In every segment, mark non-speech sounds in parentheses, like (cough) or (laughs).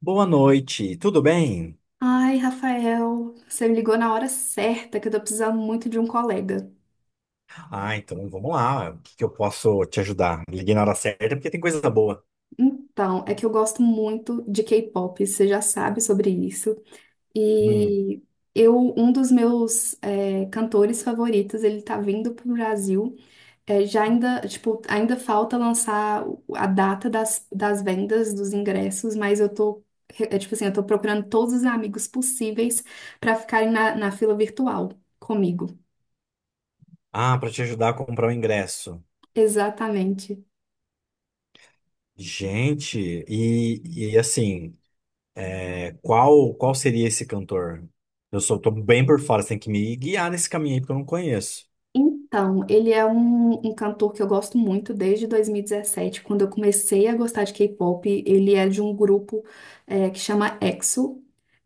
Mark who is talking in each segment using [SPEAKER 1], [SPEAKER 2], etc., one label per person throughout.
[SPEAKER 1] Boa noite, tudo bem?
[SPEAKER 2] Ai, Rafael, você me ligou na hora certa que eu tô precisando muito de um colega.
[SPEAKER 1] Ah, então vamos lá. O que eu posso te ajudar? Liguei na hora certa porque tem coisa boa.
[SPEAKER 2] Então, é que eu gosto muito de K-pop, você já sabe sobre isso.
[SPEAKER 1] Hum.
[SPEAKER 2] E eu, um dos meus cantores favoritos, ele tá vindo pro Brasil. É, já ainda, tipo, ainda falta lançar a data das vendas dos ingressos, mas tipo assim, eu tô procurando todos os amigos possíveis pra ficarem na fila virtual comigo.
[SPEAKER 1] Ah, para te ajudar a comprar o ingresso.
[SPEAKER 2] Exatamente.
[SPEAKER 1] Gente, e assim, qual seria esse cantor? Tô bem por fora, você tem que me guiar nesse caminho aí porque eu não conheço.
[SPEAKER 2] Então, ele é um cantor que eu gosto muito desde 2017, quando eu comecei a gostar de K-pop. Ele é de um grupo que chama EXO.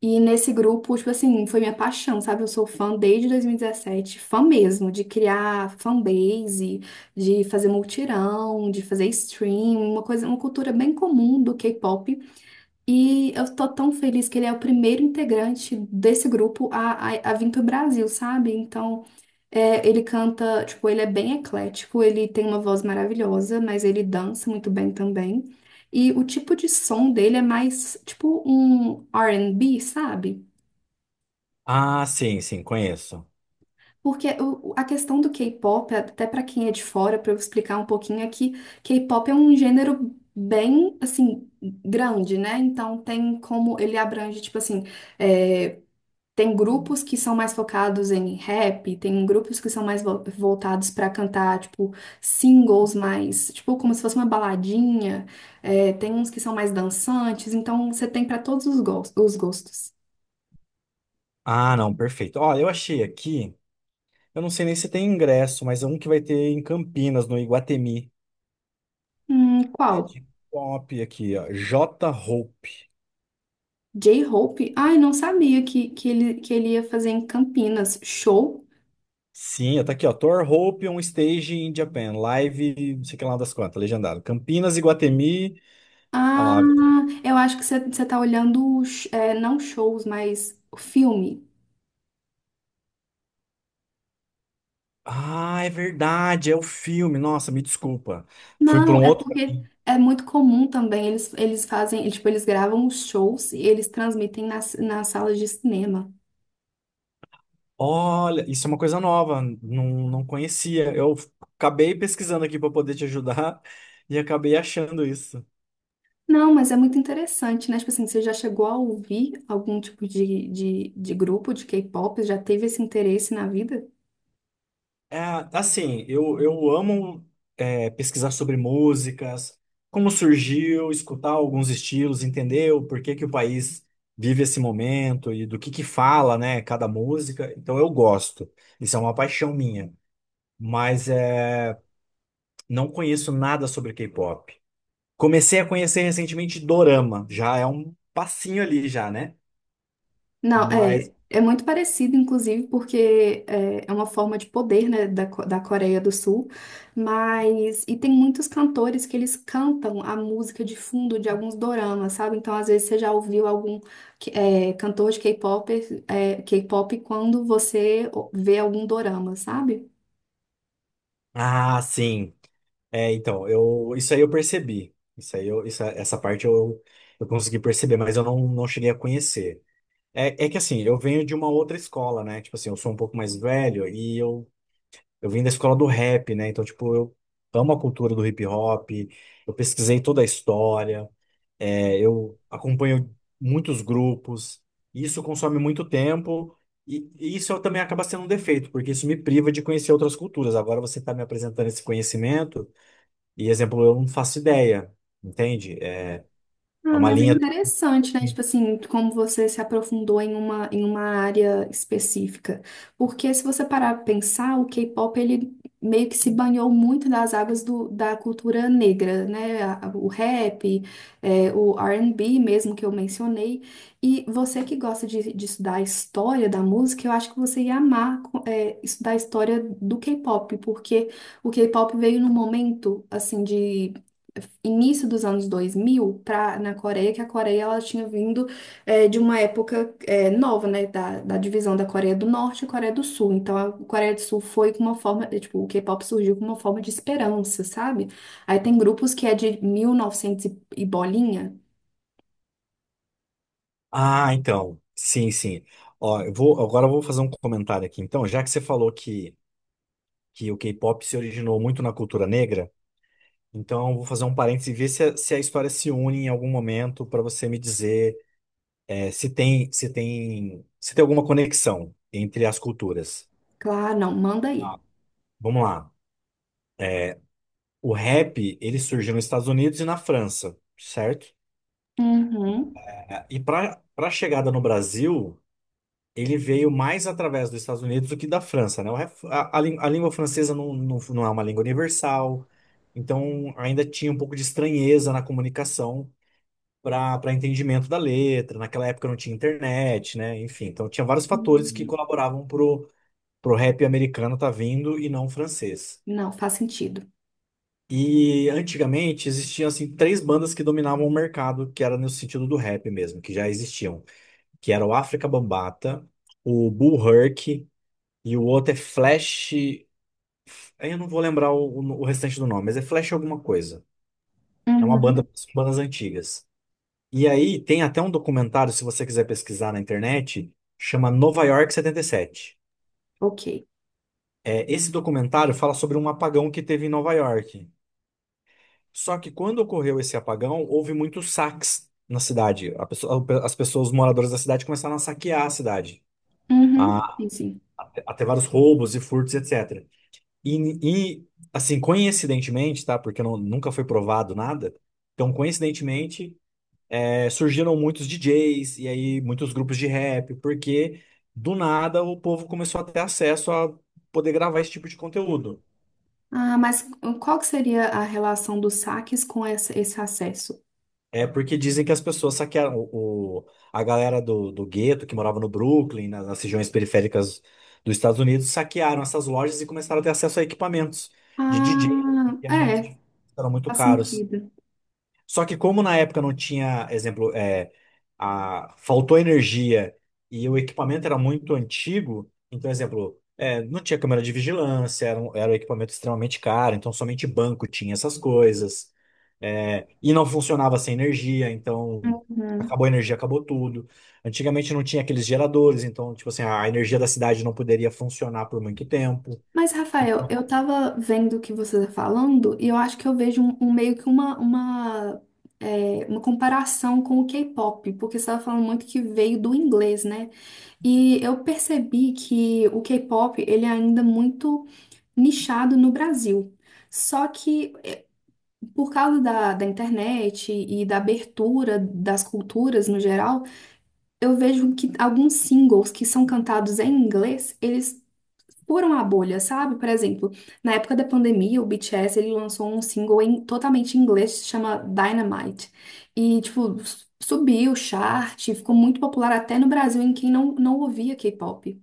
[SPEAKER 2] E nesse grupo, tipo assim, foi minha paixão, sabe? Eu sou fã desde 2017, fã mesmo, de criar fanbase, de fazer multirão, de fazer stream, uma coisa, uma cultura bem comum do K-pop. E eu tô tão feliz que ele é o primeiro integrante desse grupo a vir pro Brasil, sabe? Então. É, ele canta, tipo, ele é bem eclético, ele tem uma voz maravilhosa, mas ele dança muito bem também. E o tipo de som dele é mais, tipo, um R&B, sabe?
[SPEAKER 1] Ah, sim, sim, conheço.
[SPEAKER 2] Porque a questão do K-pop, até pra quem é de fora, pra eu explicar um pouquinho, é que K-pop é um gênero bem, assim, grande, né? Então tem como ele abrange, tipo assim, é, Tem grupos que são mais focados em rap, tem grupos que são mais voltados pra cantar, tipo, singles mais, tipo, como se fosse uma baladinha. É, tem uns que são mais dançantes, então você tem pra todos os os gostos.
[SPEAKER 1] Ah, não, perfeito. Olha, eu achei aqui, eu não sei nem se tem ingresso, mas é um que vai ter em Campinas, no Iguatemi. É
[SPEAKER 2] Qual?
[SPEAKER 1] de pop aqui, ó. J. Hope.
[SPEAKER 2] J-Hope? Ai, não sabia que ele ia fazer em Campinas. Show?
[SPEAKER 1] Sim, tá aqui, ó. Thor Hope on Stage in Japan. Live, não sei que lá das quantas, legendado. Campinas, Iguatemi. Ah,
[SPEAKER 2] Ah,
[SPEAKER 1] lá.
[SPEAKER 2] eu acho que você tá olhando, não shows, mas filme.
[SPEAKER 1] Ah, é verdade, é o filme. Nossa, me desculpa. Fui para
[SPEAKER 2] Não,
[SPEAKER 1] um
[SPEAKER 2] é
[SPEAKER 1] outro
[SPEAKER 2] porque
[SPEAKER 1] caminho.
[SPEAKER 2] é muito comum também. Eles fazem, tipo, eles gravam os shows e eles transmitem nas salas de cinema.
[SPEAKER 1] Olha, isso é uma coisa nova, não conhecia. Eu acabei pesquisando aqui para poder te ajudar (laughs) e acabei achando isso.
[SPEAKER 2] Não, mas é muito interessante, né? Tipo assim, você já chegou a ouvir algum tipo de grupo de K-pop? Já teve esse interesse na vida?
[SPEAKER 1] É, assim, eu amo pesquisar sobre músicas, como surgiu, escutar alguns estilos, entender o porquê que o país vive esse momento e do que fala, né, cada música. Então eu gosto. Isso é uma paixão minha. Mas é, não conheço nada sobre K-pop. Comecei a conhecer recentemente Dorama. Já é um passinho ali já, né?
[SPEAKER 2] Não,
[SPEAKER 1] Mas,
[SPEAKER 2] é muito parecido, inclusive, porque é uma forma de poder, né, da Coreia do Sul, e tem muitos cantores que eles cantam a música de fundo de alguns doramas, sabe? Então, às vezes, você já ouviu algum cantor de K-pop, K-pop quando você vê algum dorama, sabe?
[SPEAKER 1] ah, sim. É, então, isso aí eu percebi. Essa parte eu consegui perceber, mas eu não, não cheguei a conhecer. É que assim, eu venho de uma outra escola, né? Tipo assim, eu sou um pouco mais velho eu vim da escola do rap, né? Então, tipo, eu amo a cultura do hip hop, eu pesquisei toda a história, eu acompanho muitos grupos, e isso consome muito tempo. E isso eu também acaba sendo um defeito, porque isso me priva de conhecer outras culturas. Agora você está me apresentando esse conhecimento. E exemplo, eu não faço ideia, entende? É
[SPEAKER 2] Ah,
[SPEAKER 1] uma
[SPEAKER 2] mas é
[SPEAKER 1] linha.
[SPEAKER 2] interessante, né? Tipo assim, como você se aprofundou em uma área específica. Porque se você parar pra pensar, o K-pop, ele meio que se banhou muito das águas da cultura negra, né? O rap, o R&B mesmo que eu mencionei. E você que gosta de estudar a história da música, eu acho que você ia amar, estudar a história do K-pop, porque o K-pop veio num momento, assim, de início dos anos 2000 pra, na Coreia, que a Coreia ela tinha vindo de uma época nova, né, da divisão da Coreia do Norte e Coreia do Sul. Então, a Coreia do Sul foi com uma forma, tipo, o K-pop surgiu com uma forma de esperança, sabe? Aí tem grupos que é de 1900 e novecentos e bolinha.
[SPEAKER 1] Ah, então. Sim, sim. Ó, agora eu vou fazer um comentário aqui. Então, já que você falou que o K-pop se originou muito na cultura negra, então eu vou fazer um parênteses e ver se se a história se une em algum momento para você me dizer se tem alguma conexão entre as culturas.
[SPEAKER 2] Claro, não, manda aí.
[SPEAKER 1] Ah, vamos lá. O rap, ele surgiu nos Estados Unidos e na França, certo?
[SPEAKER 2] Uhum.
[SPEAKER 1] E para a chegada no Brasil. Ele veio mais através dos Estados Unidos do que da França, né? O ref- A, a lí- A língua francesa não é uma língua universal, então ainda tinha um pouco de estranheza na comunicação para entendimento da letra. Naquela época não tinha internet, né? Enfim, então tinha vários fatores que
[SPEAKER 2] Uhum.
[SPEAKER 1] colaboravam pro, pro rap americano tá vindo e não francês.
[SPEAKER 2] Não, faz sentido.
[SPEAKER 1] E antigamente existiam assim três bandas que dominavam o mercado, que era no sentido do rap mesmo, que já existiam, que era o África Bambata, o Bull Herc e o outro é Flash. Aí eu não vou lembrar o restante do nome, mas é Flash alguma coisa. É uma
[SPEAKER 2] Uhum.
[SPEAKER 1] banda Bandas antigas. E aí tem até um documentário, se você quiser pesquisar na internet, chama Nova York 77.
[SPEAKER 2] Ok.
[SPEAKER 1] É, esse documentário fala sobre um apagão que teve em Nova York. Só que quando ocorreu esse apagão, houve muitos saques na cidade. As pessoas, os moradores da cidade começaram a saquear a cidade,
[SPEAKER 2] Uhum.
[SPEAKER 1] a,
[SPEAKER 2] Sim, sim.
[SPEAKER 1] a ter vários roubos e furtos, etc. E, e, assim, coincidentemente, tá? Porque nunca foi provado nada. Então, coincidentemente, surgiram muitos DJs e aí muitos grupos de rap, porque do nada o povo começou a ter acesso a poder gravar esse tipo de conteúdo.
[SPEAKER 2] Ah, mas qual que seria a relação dos saques com esse acesso?
[SPEAKER 1] É porque dizem que as pessoas saquearam a galera do, do gueto que morava no Brooklyn, nas regiões periféricas dos Estados Unidos, saquearam essas lojas e começaram a ter acesso a equipamentos de DJ
[SPEAKER 2] Ah,
[SPEAKER 1] que
[SPEAKER 2] é,
[SPEAKER 1] eram muito
[SPEAKER 2] faz
[SPEAKER 1] caros.
[SPEAKER 2] sentido.
[SPEAKER 1] Só que como na época não tinha, exemplo, faltou energia e o equipamento era muito antigo, então, exemplo, não tinha câmera de vigilância, era um equipamento extremamente caro, então somente banco tinha essas coisas. É, e não funcionava sem energia, então
[SPEAKER 2] Uhum.
[SPEAKER 1] acabou a energia, acabou tudo. Antigamente não tinha aqueles geradores, então, tipo assim, a energia da cidade não poderia funcionar por muito tempo.
[SPEAKER 2] Mas, Rafael,
[SPEAKER 1] Então,
[SPEAKER 2] eu tava vendo o que você tá falando e eu acho que eu vejo um meio que uma comparação com o K-pop, porque você tava falando muito que veio do inglês, né? E eu percebi que o K-pop, ele é ainda muito nichado no Brasil. Só que por causa da internet e da abertura das culturas no geral, eu vejo que alguns singles que são cantados em inglês, eles furam a bolha, sabe? Por exemplo, na época da pandemia, o BTS ele lançou um single totalmente em inglês, se chama Dynamite. E, tipo, subiu o chart, ficou muito popular até no Brasil, em quem não ouvia K-pop.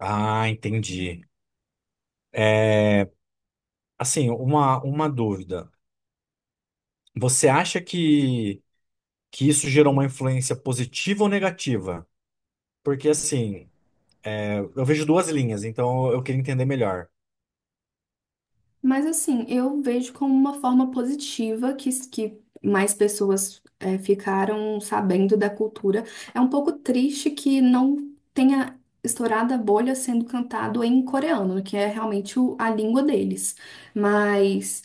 [SPEAKER 1] ah, entendi. É, assim, uma dúvida. Você acha que isso gerou uma influência positiva ou negativa? Porque assim, eu vejo duas linhas, então eu queria entender melhor.
[SPEAKER 2] Mas assim, eu vejo como uma forma positiva que, mais pessoas ficaram sabendo da cultura. É um pouco triste que não tenha estourado a bolha sendo cantado em coreano, que é realmente a língua deles. Mas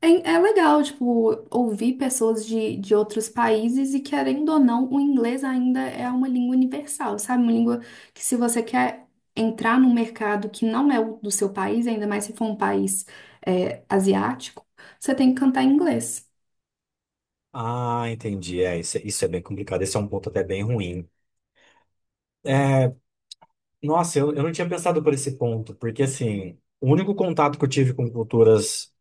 [SPEAKER 2] é, é legal, tipo, ouvir pessoas de outros países e, querendo ou não, o inglês ainda é uma língua universal, sabe? Uma língua que, se você quer entrar num mercado que não é o do seu país, ainda mais se for um país, asiático, você tem que cantar em inglês.
[SPEAKER 1] Ah, entendi. É, isso é bem complicado. Esse é um ponto até bem ruim. Nossa, eu não tinha pensado por esse ponto, porque assim, o único contato que eu tive com culturas,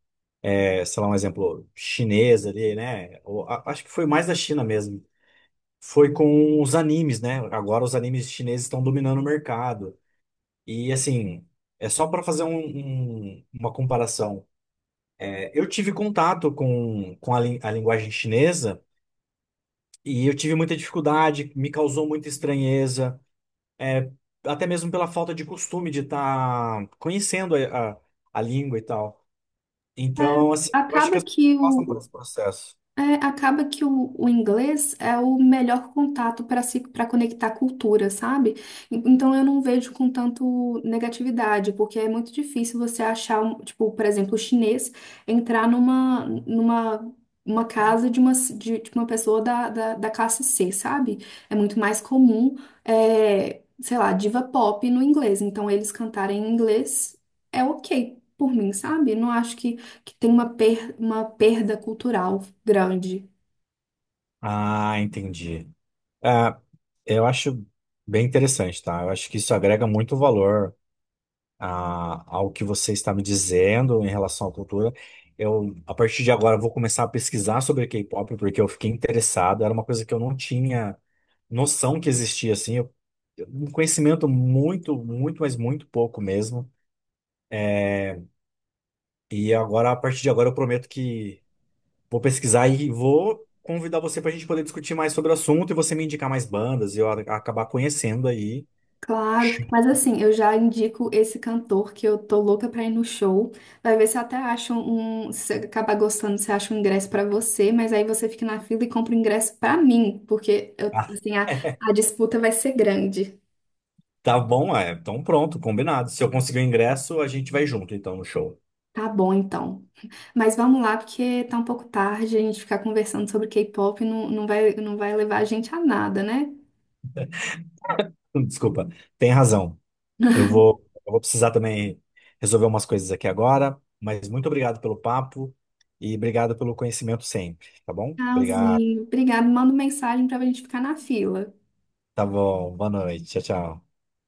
[SPEAKER 1] sei lá, um exemplo, chinesa ali, né? Ou, acho que foi mais da China mesmo. Foi com os animes, né? Agora os animes chineses estão dominando o mercado. E assim, é só para fazer uma comparação. É, eu tive contato com a linguagem chinesa e eu tive muita dificuldade, me causou muita estranheza, é, até mesmo pela falta de costume de estar conhecendo a língua e tal.
[SPEAKER 2] É,
[SPEAKER 1] Então, assim, eu acho que
[SPEAKER 2] acaba
[SPEAKER 1] as pessoas
[SPEAKER 2] que
[SPEAKER 1] passam por
[SPEAKER 2] o,
[SPEAKER 1] esse processo.
[SPEAKER 2] É, acaba que o inglês é o melhor contato para se para conectar cultura, sabe? Então eu não vejo com tanto negatividade, porque é muito difícil você achar, um, tipo, por exemplo, o chinês entrar numa, numa uma casa de uma pessoa da classe C, sabe? É muito mais comum, sei lá, diva pop no inglês. Então eles cantarem em inglês é ok por mim, sabe? Não acho que tem uma perda cultural grande.
[SPEAKER 1] Ah, entendi. É, eu acho bem interessante, tá? Eu acho que isso agrega muito valor ao que você está me dizendo em relação à cultura. Eu, a partir de agora, vou começar a pesquisar sobre K-pop, porque eu fiquei interessado. Era uma coisa que eu não tinha noção que existia, assim. Eu, um conhecimento muito, muito, mas muito pouco mesmo. E agora, a partir de agora, eu prometo que vou pesquisar e vou convidar você para a gente poder discutir mais sobre o assunto e você me indicar mais bandas e eu acabar conhecendo aí.
[SPEAKER 2] Claro,
[SPEAKER 1] Chocado.
[SPEAKER 2] mas assim, eu já indico esse cantor que eu tô louca pra ir no show. Vai ver se até acha um. Se acabar gostando, você acha um ingresso pra você, mas aí você fica na fila e compra o ingresso pra mim, porque eu, assim, a,
[SPEAKER 1] (laughs)
[SPEAKER 2] a disputa vai ser grande.
[SPEAKER 1] Tá bom, é. Então pronto, combinado. Se eu conseguir o ingresso, a gente vai junto, então, no show.
[SPEAKER 2] Tá bom, então. Mas vamos lá, porque tá um pouco tarde, a gente ficar conversando sobre K-pop não vai levar a gente a nada, né?
[SPEAKER 1] (laughs) Desculpa, tem razão. Eu vou precisar também resolver umas coisas aqui agora, mas muito obrigado pelo papo e obrigado pelo conhecimento sempre, tá bom? Obrigado.
[SPEAKER 2] Tchauzinho. Obrigada. Manda mensagem pra gente ficar na fila.
[SPEAKER 1] Tá bom, boa noite. Tchau, tchau.